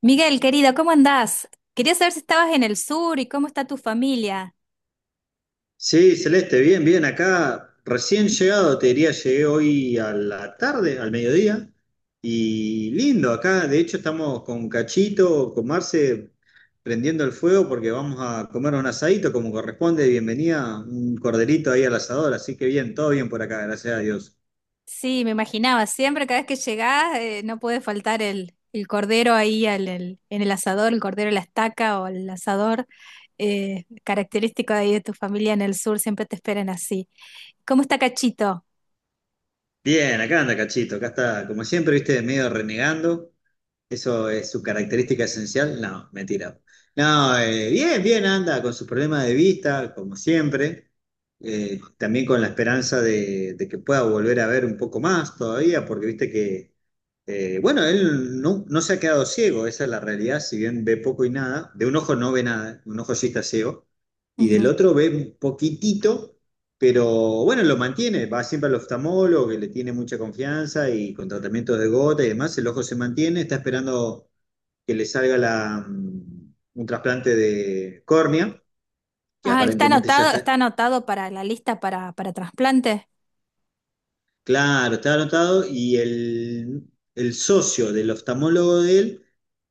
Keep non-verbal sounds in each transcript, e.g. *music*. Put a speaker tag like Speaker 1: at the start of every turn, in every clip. Speaker 1: Miguel, querido, ¿cómo andás? Quería saber si estabas en el sur y cómo está tu familia.
Speaker 2: Sí, Celeste, bien, bien, acá recién llegado, te diría, llegué hoy a la tarde, al mediodía, y lindo, acá de hecho estamos con Cachito, con Marce, prendiendo el fuego porque vamos a comer un asadito como corresponde, bienvenida, un corderito ahí al asador, así que bien, todo bien por acá, gracias a Dios.
Speaker 1: Sí, me imaginaba, siempre cada vez que llegás no puede faltar el cordero ahí en el asador, el cordero a la estaca o el asador, característico de ahí de tu familia en el sur, siempre te esperan así. ¿Cómo está Cachito?
Speaker 2: Bien, acá anda Cachito, acá está, como siempre, viste, medio renegando. ¿Eso es su característica esencial? No, mentira. No, bien, bien anda con sus problemas de vista, como siempre. También con la esperanza de que pueda volver a ver un poco más todavía, porque viste que bueno, él no se ha quedado ciego, esa es la realidad. Si bien ve poco y nada, de un ojo no ve nada, un ojo sí está ciego, y del
Speaker 1: Ujú.
Speaker 2: otro ve un poquitito, pero bueno, lo mantiene, va siempre al oftalmólogo, que le tiene mucha confianza, y con tratamientos de gota y demás el ojo se mantiene. Está esperando que le salga la, un trasplante de córnea, que
Speaker 1: Ah, ¿él
Speaker 2: aparentemente ya está.
Speaker 1: está anotado para la lista para trasplante?
Speaker 2: Claro, estaba anotado, y el socio del oftalmólogo de él,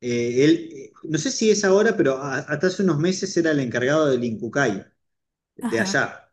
Speaker 2: no sé si es ahora, pero hasta hace unos meses era el encargado del Incucay de
Speaker 1: Ajá.
Speaker 2: allá.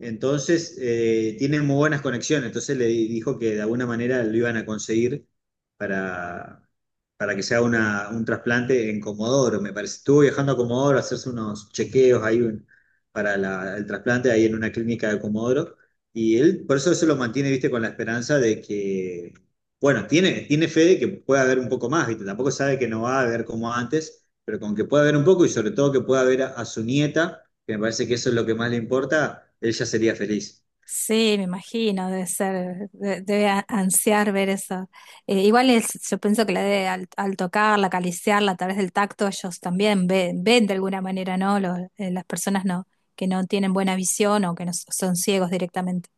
Speaker 2: Entonces, tiene muy buenas conexiones. Entonces le dijo que de alguna manera lo iban a conseguir para, para que se haga un trasplante en Comodoro, me parece. Estuvo viajando a Comodoro a hacerse unos chequeos ahí para el trasplante ahí en una clínica de Comodoro. Y él, por eso eso lo mantiene, viste, con la esperanza de que, bueno, tiene, tiene fe de que pueda haber un poco más, viste. Tampoco sabe que no va a haber como antes, pero con que pueda haber un poco, y sobre todo que pueda ver a su nieta, que me parece que eso es lo que más le importa, él ya sería feliz.
Speaker 1: Sí, me imagino, debe ser, ansiar ver eso. Igual yo pienso que al tocarla, acariciarla a través del tacto, ellos también ven, ven de alguna manera, ¿no? Las personas no, que no tienen buena visión o que no s- son ciegos directamente.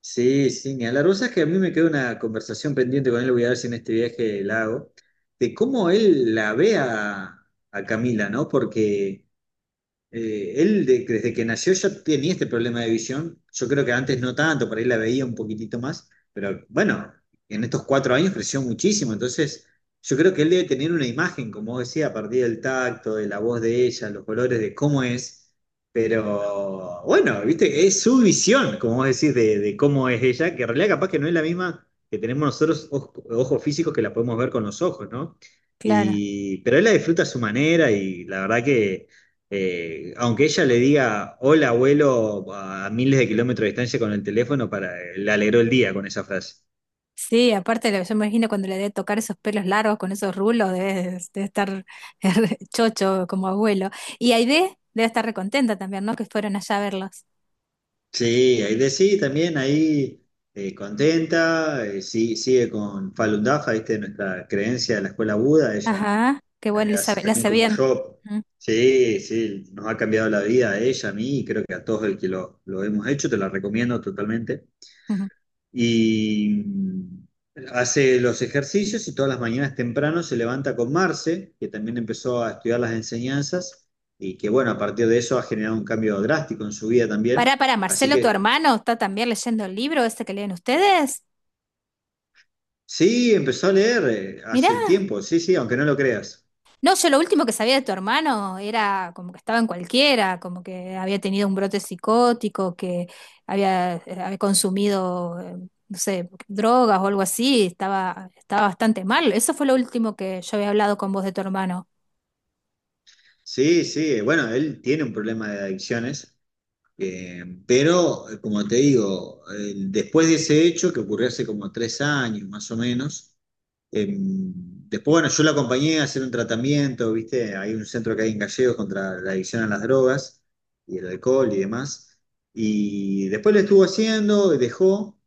Speaker 2: Sí, sí, ni hablar la rosa es que a mí me queda una conversación pendiente con él, voy a ver si en este viaje la hago, de cómo él la ve a Camila, ¿no? Porque desde que nació ya tenía este problema de visión. Yo creo que antes no tanto, por ahí la veía un poquitito más, pero bueno, en estos cuatro años creció muchísimo. Entonces, yo creo que él debe tener una imagen, como vos decía, a partir del tacto, de la voz de ella, los colores, de cómo es. Pero bueno, viste, es su visión, como vos decís, de cómo es ella, que en realidad capaz que no es la misma que tenemos nosotros ojos físicos, que la podemos ver con los ojos, ¿no?
Speaker 1: Claro.
Speaker 2: Y, pero él la disfruta a su manera, y la verdad que aunque ella le diga hola abuelo a miles de kilómetros de distancia con el teléfono, para, le alegró el día con esa frase.
Speaker 1: Sí, aparte yo me imagino cuando le debe tocar esos pelos largos con esos rulos, debe, debe estar *laughs* chocho como abuelo. Y Aide debe estar recontenta también, ¿no? Que fueron allá a verlos.
Speaker 2: Sí, ahí de sí, también ahí contenta, sí, sigue con Falun Dafa, ¿viste? Nuestra creencia de la escuela Buda, ella
Speaker 1: Ajá, qué bueno,
Speaker 2: hace
Speaker 1: Elizabeth, la
Speaker 2: también
Speaker 1: hace
Speaker 2: como
Speaker 1: bien.
Speaker 2: yo. Sí, sí, nos ha cambiado la vida a ella, a mí, y creo que a todos el que lo hemos hecho, te la recomiendo totalmente.
Speaker 1: Ujú.
Speaker 2: y mm, hace los ejercicios, y todas las mañanas temprano se levanta con Marce, que también empezó a estudiar las enseñanzas, y que bueno, a partir de eso ha generado un cambio drástico en su vida también.
Speaker 1: Pará, pará,
Speaker 2: Así
Speaker 1: Marcelo, tu
Speaker 2: que
Speaker 1: hermano, está también leyendo el libro ese que leen ustedes.
Speaker 2: sí, empezó a leer
Speaker 1: Mirá,
Speaker 2: hace tiempo, sí, sí, aunque no lo creas.
Speaker 1: no, yo lo último que sabía de tu hermano era como que estaba en cualquiera, como que había tenido un brote psicótico, que había, había consumido, no sé, drogas o algo así, estaba, estaba bastante mal. Eso fue lo último que yo había hablado con vos de tu hermano.
Speaker 2: Sí, sí, bueno, él tiene un problema de adicciones. Pero como te digo, después de ese hecho, que ocurrió hace como tres años más o menos, em, después, bueno, yo la acompañé a hacer un tratamiento, ¿viste? Hay un centro que hay en Gallegos contra la adicción a las drogas y el alcohol y demás. Y después lo estuvo haciendo, dejó,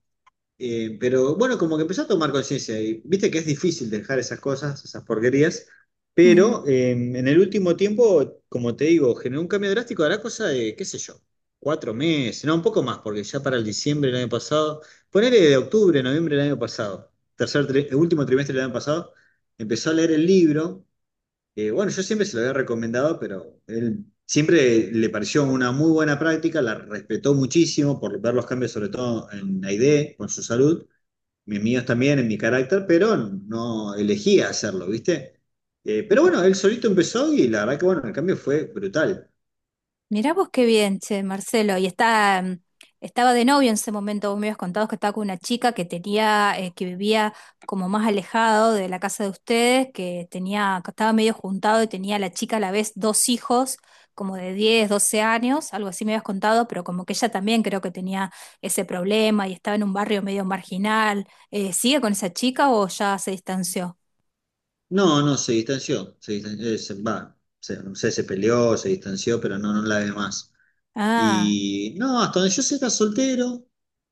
Speaker 2: pero bueno, como que empezó a tomar conciencia, y viste que es difícil dejar esas cosas, esas porquerías, pero en el último tiempo, como te digo, generó un cambio drástico, hará cosa de, qué sé yo, cuatro meses, no, un poco más, porque ya para el diciembre del año pasado, ponele de octubre, noviembre del año pasado, el último trimestre del año pasado, empezó a leer el libro. Bueno, yo siempre se lo había recomendado, pero él siempre le pareció una muy buena práctica, la respetó muchísimo por ver los cambios, sobre todo en la ID, con su salud mis míos también en mi carácter, pero no elegía hacerlo, ¿viste? Pero
Speaker 1: Ujú.
Speaker 2: bueno, él solito empezó, y la verdad que bueno, el cambio fue brutal.
Speaker 1: Mirá vos qué bien, che, Marcelo. Y está, estaba de novio en ese momento. Vos me habías contado que estaba con una chica que tenía, que vivía como más alejado de la casa de ustedes, que tenía, que estaba medio juntado y tenía la chica a la vez dos hijos, como de 10, 12 años, algo así me habías contado, pero como que ella también creo que tenía ese problema y estaba en un barrio medio marginal. ¿Sigue con esa chica o ya se distanció?
Speaker 2: No, no, se distanció, se distan- se- va, se, no sé, se peleó, se distanció, pero no, no la ve más.
Speaker 1: Ah,
Speaker 2: Y no, hasta donde yo sé era soltero.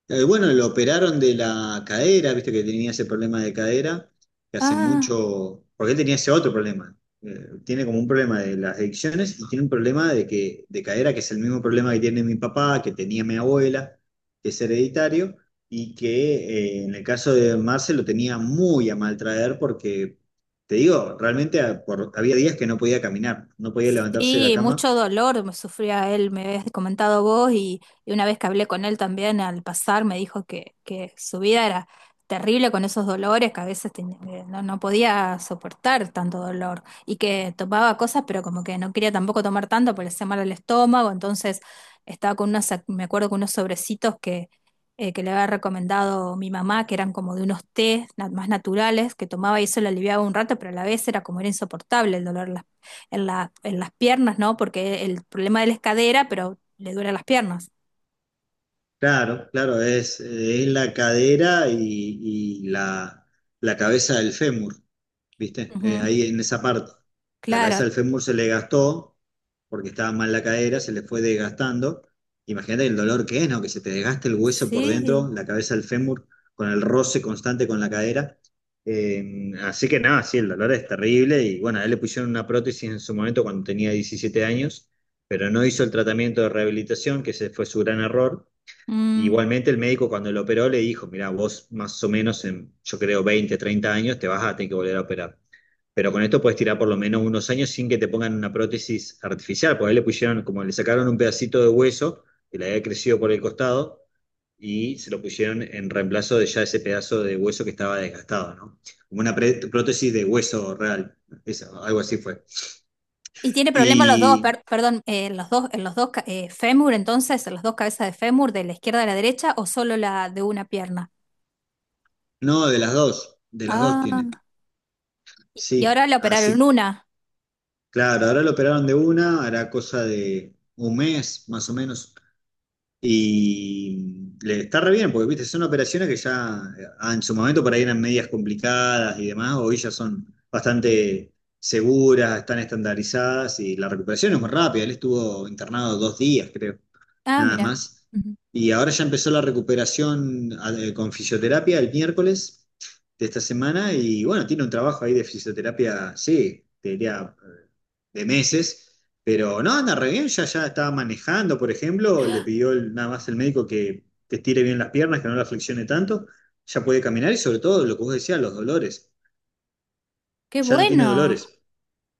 Speaker 2: Bueno, lo operaron de la cadera, viste que tenía ese problema de cadera, que hace
Speaker 1: ah.
Speaker 2: mucho, porque él tenía ese otro problema. Tiene como un problema de las adicciones, y tiene un problema de que, de cadera, que es el mismo problema que tiene mi papá, que tenía mi abuela, que es hereditario, y que en el caso de Marce lo tenía muy a mal traer porque, te digo, realmente había días que no podía caminar, no podía levantarse de la
Speaker 1: Sí,
Speaker 2: cama.
Speaker 1: mucho dolor me sufría él, me habías comentado vos, y una vez que hablé con él también al pasar me dijo que su vida era terrible con esos dolores, que a veces no, no podía soportar tanto dolor, y que tomaba cosas, pero como que no quería tampoco tomar tanto porque le hacía mal al estómago, entonces estaba con unos, me acuerdo con unos sobrecitos que le había recomendado mi mamá, que eran como de unos tés más naturales, que tomaba y eso le aliviaba un rato, pero a la vez era como era insoportable el dolor en la, en las piernas, ¿no? Porque el problema de él es cadera, pero le duele las piernas.
Speaker 2: Claro, claro, es la cadera y la cabeza del fémur, ¿viste?
Speaker 1: Ujú.
Speaker 2: Ahí en esa parte. La cabeza
Speaker 1: Claro,
Speaker 2: del fémur se le gastó porque estaba mal la cadera, se le fue desgastando. Imagínate el dolor que es, ¿no? Que se te desgaste el hueso por
Speaker 1: sí.
Speaker 2: dentro, la cabeza del fémur, con el roce constante con la cadera. Así que nada, sí, el dolor es terrible, y bueno, a él le pusieron una prótesis en su momento cuando tenía 17 años, pero no hizo el tratamiento de rehabilitación, que ese fue su gran error.
Speaker 1: Mm.
Speaker 2: Igualmente el médico cuando lo operó le dijo, mira, vos más o menos en, yo creo, 20 30 años te vas a tener que volver a operar. Pero con esto puedes tirar por lo menos unos años sin que te pongan una prótesis artificial, porque ahí le pusieron, como le sacaron un pedacito de hueso que le había crecido por el costado, y se lo pusieron en reemplazo de ya ese pedazo de hueso que estaba desgastado, ¿no? Como una prótesis de hueso real, eso, algo así fue.
Speaker 1: Y tiene problemas los dos,
Speaker 2: Y
Speaker 1: perdón, los dos, en los dos fémur, entonces, en las dos cabezas de fémur, de la izquierda a la derecha, o solo la de una pierna.
Speaker 2: no, de las dos
Speaker 1: Ah,
Speaker 2: tiene.
Speaker 1: y
Speaker 2: Sí,
Speaker 1: ahora le operaron
Speaker 2: así.
Speaker 1: una.
Speaker 2: Claro, ahora lo operaron de una, hará cosa de un mes más o menos. Y le está re bien, porque viste, son operaciones que ya en su momento por ahí eran medias complicadas y demás, hoy ya son bastante seguras, están estandarizadas, y la recuperación es muy rápida. Él estuvo internado dos días, creo,
Speaker 1: Ah,
Speaker 2: nada
Speaker 1: mira.
Speaker 2: más.
Speaker 1: Ujú.
Speaker 2: Y ahora ya empezó la recuperación con fisioterapia el miércoles de esta semana, y bueno, tiene un trabajo ahí de fisioterapia, sí, te diría de meses, pero no, anda re bien, ya, ya estaba manejando, por ejemplo, le pidió nada más el médico que te estire bien las piernas, que no las flexione tanto, ya puede caminar, y sobre todo lo que vos decías, los dolores,
Speaker 1: Qué
Speaker 2: ya no tiene
Speaker 1: bueno.
Speaker 2: dolores.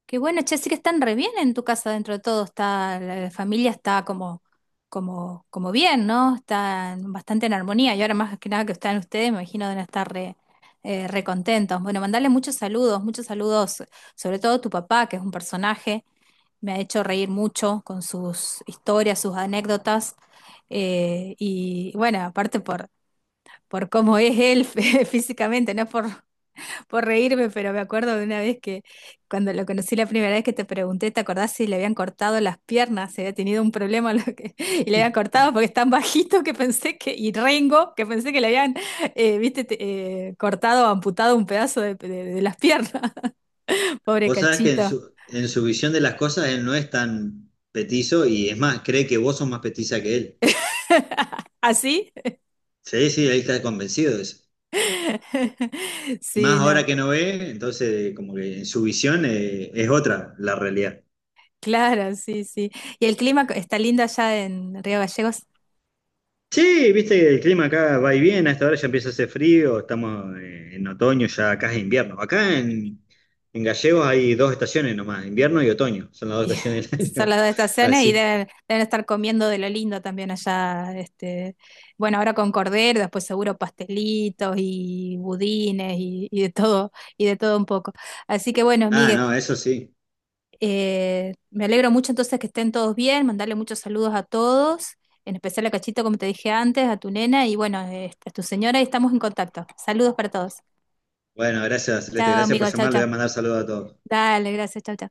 Speaker 1: Qué bueno, che, sí que están re bien en tu casa dentro de todo, está, la familia está como, como, como bien, ¿no? Están bastante en armonía y ahora más que nada que están ustedes, me imagino deben estar re, re contentos. Bueno, mandarle muchos saludos, sobre todo a tu papá, que es un personaje, me ha hecho reír mucho con sus historias, sus anécdotas, y bueno, aparte por cómo es él *laughs* físicamente, no es por reírme, pero me acuerdo de una vez que cuando lo conocí la primera vez que te pregunté, ¿te acordás si le habían cortado las piernas? Se había tenido un problema *laughs* lo que, y le habían cortado porque es tan bajito que pensé que, y rengo, que pensé que le habían, viste, cortado o amputado un pedazo de, de las piernas. *laughs* Pobre
Speaker 2: Vos sabés que
Speaker 1: cachito.
Speaker 2: en su visión de las cosas él no es tan petizo, y es más, cree que vos sos más petiza que él.
Speaker 1: *laughs* ¿Así?
Speaker 2: Sí, sí, él está convencido de eso.
Speaker 1: *laughs*
Speaker 2: Y
Speaker 1: Sí,
Speaker 2: más
Speaker 1: no.
Speaker 2: ahora que no ve, entonces como que en su visión es otra la realidad.
Speaker 1: Claro, sí, sí. ¿Y el clima está lindo allá en Río Gallegos?
Speaker 2: Sí, viste que el clima acá va y viene, a esta hora ya empieza a hacer frío, estamos en otoño, ya acá es invierno. Acá en Gallegos hay dos estaciones nomás, invierno y otoño, son las
Speaker 1: *laughs*
Speaker 2: dos
Speaker 1: Y
Speaker 2: estaciones del *laughs*
Speaker 1: son
Speaker 2: año.
Speaker 1: las dos estaciones y
Speaker 2: Así.
Speaker 1: deben, deben estar comiendo de lo lindo también allá. Este, bueno, ahora con cordero, después seguro pastelitos y budines y de todo un poco. Así que bueno,
Speaker 2: Ah,
Speaker 1: Miguel,
Speaker 2: no, eso sí.
Speaker 1: me alegro mucho entonces que estén todos bien, mandarle muchos saludos a todos, en especial a Cachito, como te dije antes, a tu nena y bueno, este, a tu señora y estamos en contacto. Saludos para todos.
Speaker 2: Bueno, gracias, Celeste,
Speaker 1: Chao,
Speaker 2: gracias por
Speaker 1: amigos, chao,
Speaker 2: llamar, le voy
Speaker 1: chao.
Speaker 2: a mandar saludos a todos.
Speaker 1: Dale, gracias, chao, chao.